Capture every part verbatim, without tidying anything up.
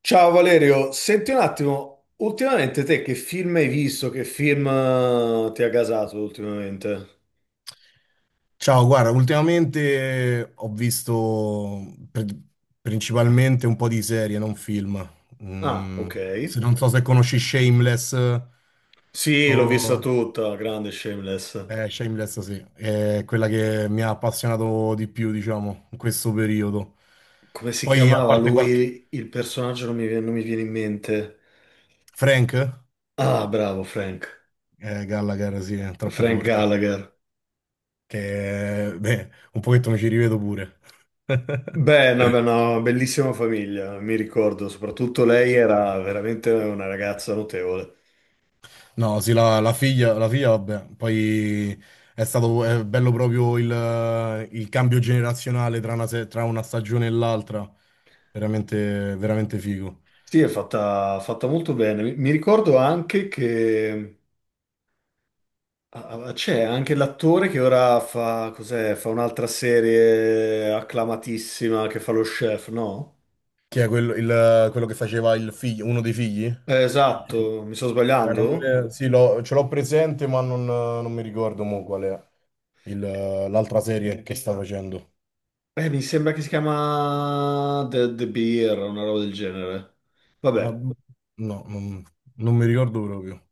Ciao Valerio, senti un attimo, ultimamente te che film hai visto? Che film eh, ti ha gasato ultimamente? Ciao, guarda, ultimamente eh, ho visto pri- principalmente un po' di serie, non film. Ah, Mm, ok. se non so se conosci Shameless. eh, Sì, l'ho vista o... tutta, grande Shameless. eh, Shameless sì, è quella che mi ha appassionato di più, diciamo, in questo periodo. Come si Poi, a chiamava parte qualche... lui? Il personaggio non mi viene, non mi viene in mente. Frank? Ah, bravo Frank. Eh, Gallagher, sì, è troppo Frank forte. Gallagher. Che, beh, un pochetto mi ci rivedo pure. Beh, no, beh, no, bellissima famiglia, mi ricordo. Soprattutto lei era veramente una ragazza notevole. No, sì, la, la figlia, la figlia, vabbè, poi è stato è bello proprio il, il cambio generazionale tra una, se- tra una stagione e l'altra, veramente, veramente figo. Sì, è fatta, fatta molto bene. Mi mi ricordo anche che ah, ah, c'è anche l'attore che ora fa, cos'è, fa un'altra serie acclamatissima che fa lo chef, no? Chi è quello, il- quello che faceva il figlio, uno dei figli? Eh, Eh, esatto, mi sto non sbagliando? me- Sì, l'ho- ce l'ho presente, ma non, non mi ricordo mo qual è il- l'altra serie che sta facendo. Eh, mi sembra che si chiama The, The Beer, una roba del genere. Ma- Vabbè, No, non, non mi ricordo proprio.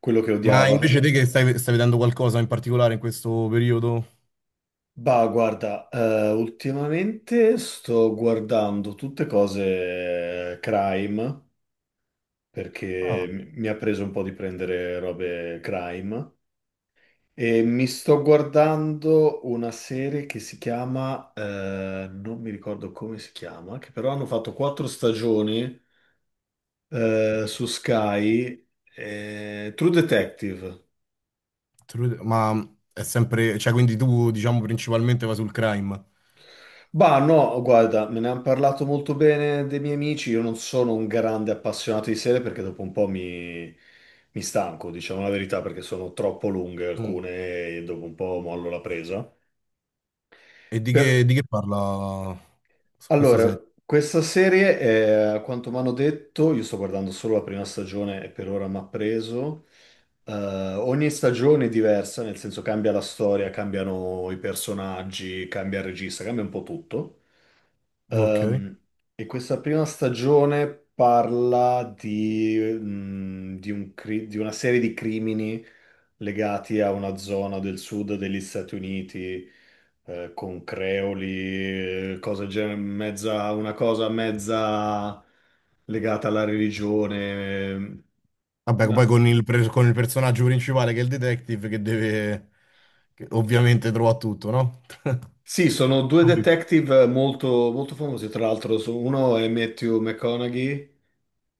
quello che Ma invece odiava. te che stai, stai vedendo qualcosa in particolare in questo periodo? Bah, guarda, eh, ultimamente sto guardando tutte cose crime, perché mi mi ha preso un po' di prendere robe crime. E mi sto guardando una serie che si chiama, eh, non mi ricordo come si chiama, che però hanno fatto quattro stagioni eh, su Sky, eh, True Detective. True- Ma è sempre, cioè quindi tu diciamo principalmente va sul crime. Bah, no, guarda, me ne hanno parlato molto bene dei miei amici. Io non sono un grande appassionato di serie perché dopo un po' mi, mi stanco, diciamo la verità, perché sono troppo lunghe Mm. alcune e dopo un po' mollo la presa. E di che, Per- di che parla su questa Allora, serie? questa serie, è, a quanto mi hanno detto, io sto guardando solo la prima stagione e per ora mi ha preso. Eh, ogni stagione è diversa, nel senso cambia la storia, cambiano i personaggi, cambia il regista, cambia un po' tutto. Ok. Ehm, e questa prima stagione parla di, mm, di un cri- di una serie di crimini legati a una zona del sud degli Stati Uniti, eh, con creoli, eh, cose gen- mezza, una cosa mezza legata alla religione. Vabbè, poi No. con il, pre- con il personaggio principale che è il detective che deve, che ovviamente trova tutto, no? Sì, sono due Capito. detective molto, molto famosi, tra l'altro, so- uno è Matthew McConaughey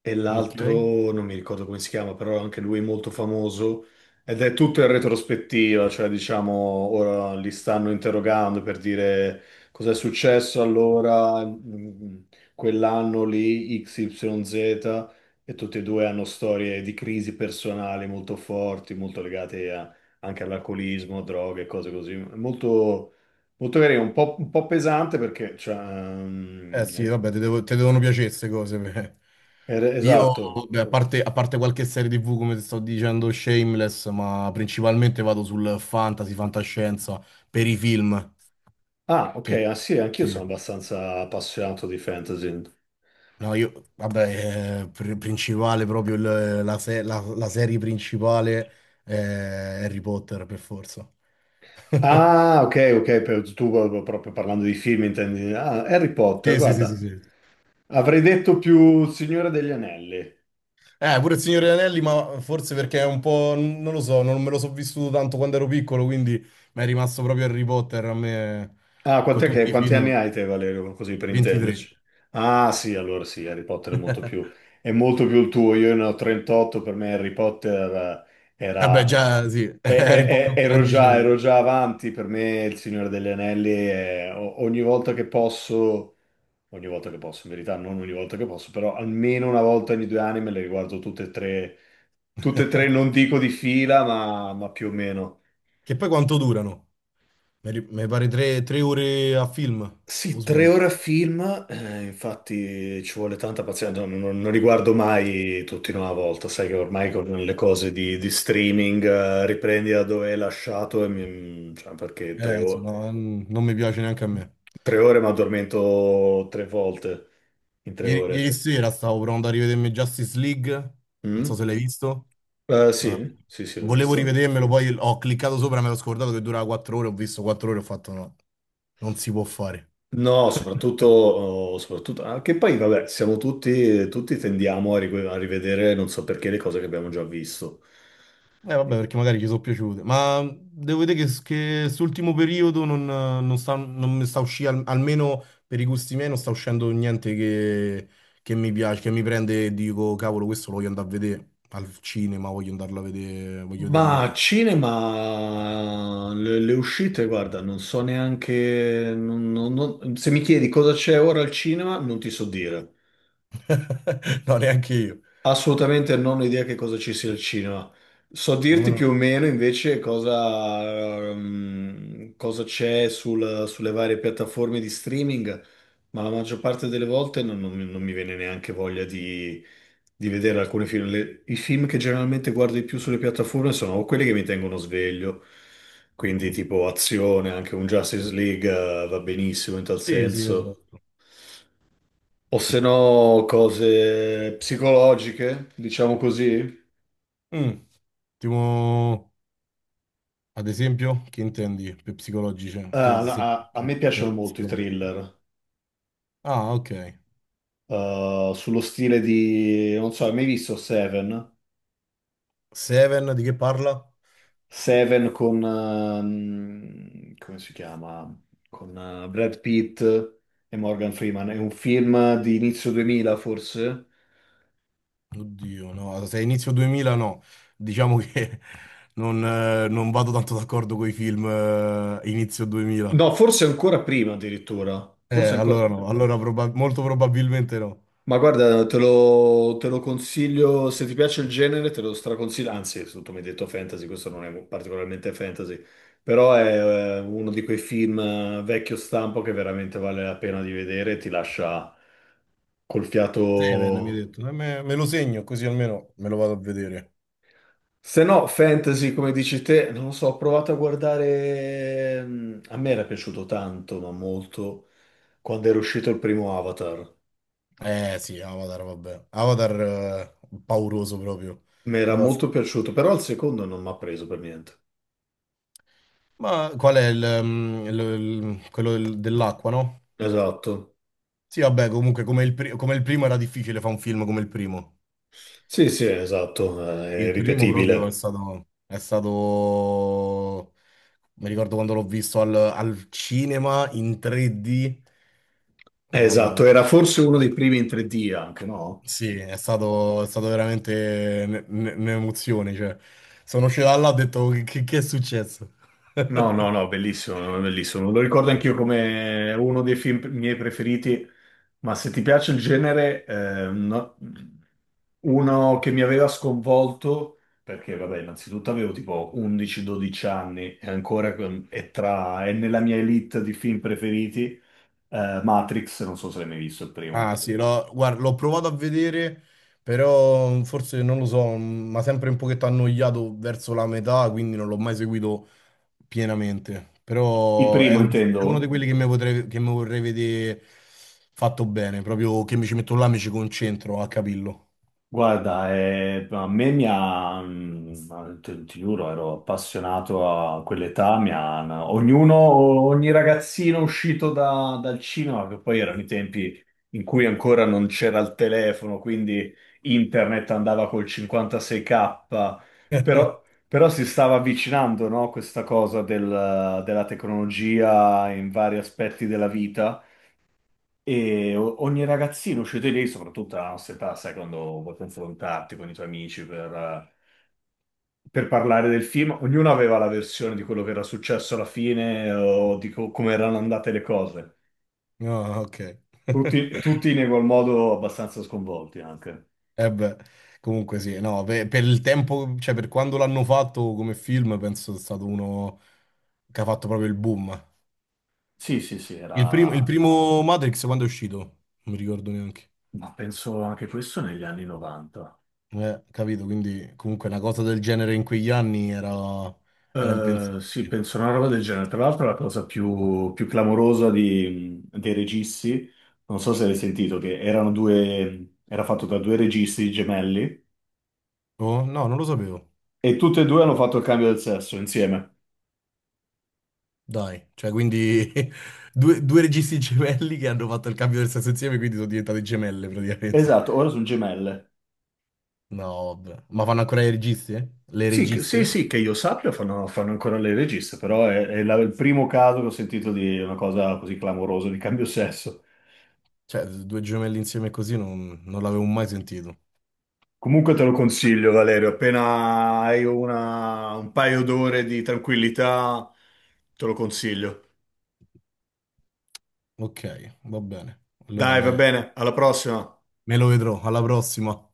e Ok. l'altro non mi ricordo come si chiama, però anche lui è molto famoso ed è tutto in retrospettiva, cioè diciamo ora li stanno interrogando per dire cos'è successo allora mh, quell'anno lì X Y Z e tutti e due hanno storie di crisi personali molto forti, molto legate a- anche all'alcolismo, droghe, cose così, molto molto carino, un po', un po' pesante perché, cioè, Eh mm, sì, è- vabbè, ti devo- ti devono piacere queste cose. Beh. è- Io, esatto. beh, a parte, a parte qualche serie T V, come ti sto dicendo, Shameless, ma principalmente vado sul fantasy, fantascienza, per i film. Ah, ok, Che- ah sì, anch'io sì. sono abbastanza appassionato di fantasy. No, io, vabbè, eh, pr- principale proprio il- la, se- la- la serie principale è Harry Potter, per forza. Ah, ok, ok, per- tu proprio proprio parlando di film intendi. Ah, Harry Potter, Sì, sì, sì, sì, guarda, sì. avrei detto più Signore degli Anelli. Eh, pure il Signore degli Anelli, ma forse perché è un po', n- non lo so, non me lo so vissuto tanto quando ero piccolo, quindi mi è rimasto proprio Harry Potter a me Ah, con quant'è che- tutti i quanti anni film. hai te, Valerio, così per ventitré. intenderci? Ah, sì, allora sì, Harry Potter è molto più, è molto più il tuo. Io ne ho trentotto, per me Harry Potter eh, Vabbè, era... già sì, e- eri e- un po' e- più Ero già, grandicello. ero già avanti, per me il Signore degli Anelli è o- ogni volta che posso... ogni volta che posso, in verità non ogni volta che posso, però almeno una volta ogni due anni me le riguardo tutte e tre, tutte e tre non dico di fila, ma, ma più o meno. Che poi quanto durano? Mi ri- mi pare tre, tre ore a film, o Sì, tre ore sbaglio? a film, eh, infatti ci vuole tanta pazienza, non, non- non li guardo mai tutti in una volta, sai che ormai con le cose di, di streaming eh, riprendi da dove hai lasciato, e mi- cioè, perché tre Eh, sì, o- no, mm, non mi piace neanche a me. tre ore mi addormento tre volte in tre Ieri, ieri ore. sera stavo provando a rivedermi Justice League, non so Mm? se l'hai visto. Eh, Eh, Sì, sì, sì, l'ho Volevo visto. rivedermelo, poi ho cliccato sopra, me l'ho scordato che durava quattro ore, ho visto quattro ore, ho fatto no, non si può fare. No, soprattutto, oh, soprattutto anche poi, vabbè, siamo tutti, tutti tendiamo a rive- a rivedere, non so perché, le cose che abbiamo già visto. Eh vabbè, perché magari ci sono piaciute, ma devo vedere che, che quest'ultimo periodo non, non sta, non mi sta uscendo, almeno per i gusti miei, non sta uscendo niente che, che mi piace, che mi prende e dico, cavolo, questo lo voglio andare a vedere al cinema, voglio andarlo a vedere, voglio vederlo in Ma T V. cinema, le, le uscite, guarda, non so neanche, non- non- non- se mi chiedi cosa c'è ora al cinema, non ti so dire. No, neanche io. Assolutamente non ho idea che cosa ci sia il cinema. So Ormai dirti più o no. meno invece cosa, ehm, cosa c'è sul- sulle varie piattaforme di streaming, ma la maggior parte delle volte non, non mi non mi viene neanche voglia di, di vedere alcuni film. Le- I film che generalmente guardo di più sulle piattaforme sono o quelli che mi tengono sveglio, quindi tipo azione, anche un Justice League, eh, va benissimo in tal Sì, sì, senso. esatto. O se no, cose psicologiche, diciamo così. Mm, Tipo, ad esempio, che intendi per psicologica? Eh, Per, se- a, a me piacciono Per molto i psicologica. thriller, Ah, ok. eh, sullo stile di, non so, hai mai visto Seven? Seven di che parla? Seven con, ehm, come si chiama? Con eh, Brad Pitt e Morgan Freeman. È un film di inizio duemila, forse? Oddio, no, se è inizio duemila no. Diciamo che non, eh, non vado tanto d'accordo con i film eh, inizio duemila. No, forse ancora prima addirittura. Eh, Forse ancora. Allora no, allora proba- molto probabilmente no. Ma guarda, te lo, te lo consiglio, se ti piace il genere, te lo straconsiglio, anzi, tu mi hai detto fantasy, questo non è particolarmente fantasy, però è eh, uno di quei film eh, vecchio stampo che veramente vale la pena di vedere, ti lascia col Seven mi hai fiato... detto. Eh, me, me lo segno così almeno me lo vado a vedere. Se no, fantasy, come dici te, non lo so, ho provato a guardare... mm, A me era piaciuto tanto, ma molto, quando era uscito il primo Avatar. Eh sì, Avatar, vabbè. Avatar eh, pauroso proprio, Mi era molto devastante. piaciuto, però il secondo non mi ha preso per niente. Ma qual è il, mm, il- il- quello del- dell'acqua, no? Esatto. Sì, vabbè, comunque come il, pri- come il primo era difficile fare un film come il primo. Sì, sì, esatto, eh, è Il primo proprio è ripetibile. stato. È stato. Mi ricordo quando l'ho visto al, al cinema in tre di. Eh, Mamma mia. Esatto, era forse uno dei primi in tre D anche, no? Sì, è stato, è stato veramente ne- ne- un'emozione, cioè. Sono uscito da là e ho detto che, che che è successo? No, no, no, bellissimo, no, bellissimo. Lo ricordo anch'io come uno dei film miei preferiti, ma se ti piace il genere, eh, no- uno che mi aveva sconvolto, perché vabbè, innanzitutto avevo tipo undici dodici anni e ancora con- è, tra, è nella mia elite di film preferiti, eh, Matrix, non so se l'hai mai visto il Ah primo. sì, l'ho guarda, l'ho provato a vedere, però forse non lo so, mi ha sempre un pochetto annoiato verso la metà, quindi non l'ho mai seguito pienamente. Il Però è, primo un- è uno di intendo? quelli che mi potrei- che mi vorrei vedere fatto bene, proprio che mi ci metto là, mi ci concentro a capirlo. Guarda, eh, a me mi ha, mm, ti, ti giuro, ero appassionato a quell'età, mi ha- ognuno, ogni ragazzino uscito da- dal cinema, che poi erano i tempi in cui ancora non c'era il telefono, quindi internet andava col cinquantasei K, però, però si stava avvicinando, no, questa cosa del- della tecnologia in vari aspetti della vita. E o- ogni ragazzino, cioè te lì, soprattutto alla nostra età, sai, quando vuoi confrontarti con i tuoi amici per, per parlare del film, ognuno aveva la versione di quello che era successo alla fine o di co- come erano andate le cose. No, ok. Tutti, tutti in quel modo abbastanza sconvolti anche. Eh beh, comunque sì, no, per, per il tempo, cioè per quando l'hanno fatto come film, penso sia stato uno che ha fatto proprio il boom. Sì, sì, sì, Il primo, il era... primo Matrix quando è uscito? Non mi ricordo neanche. Ma penso anche questo negli anni novanta. Eh, capito, quindi comunque una cosa del genere in quegli anni era, era Eh, sì, impensabile. penso una roba del genere. Tra l'altro, la cosa più, più clamorosa di- dei registi, non so se l'hai sentito, che erano due, era fatto da due registi gemelli Oh, no, non lo sapevo. e tutte e due hanno fatto il cambio del sesso insieme. Dai, cioè quindi due, due registi gemelli che hanno fatto il cambio del sesso insieme, quindi sono diventate gemelle praticamente. Esatto, ora sono gemelle. No, vabbè. Ma fanno ancora i registi? Eh? Le Sì, che- sì, registe? sì, che io sappia, fanno, fanno ancora le registe, però è, è la- il primo caso che ho sentito di una cosa così clamorosa di cambio sesso. Cioè, due gemelli insieme così non, non l'avevo mai sentito. Comunque te lo consiglio, Valerio, appena hai una- un paio d'ore di tranquillità, te lo consiglio. Ok, va bene. Allora Dai, va me bene, alla prossima. me lo vedrò. Alla prossima.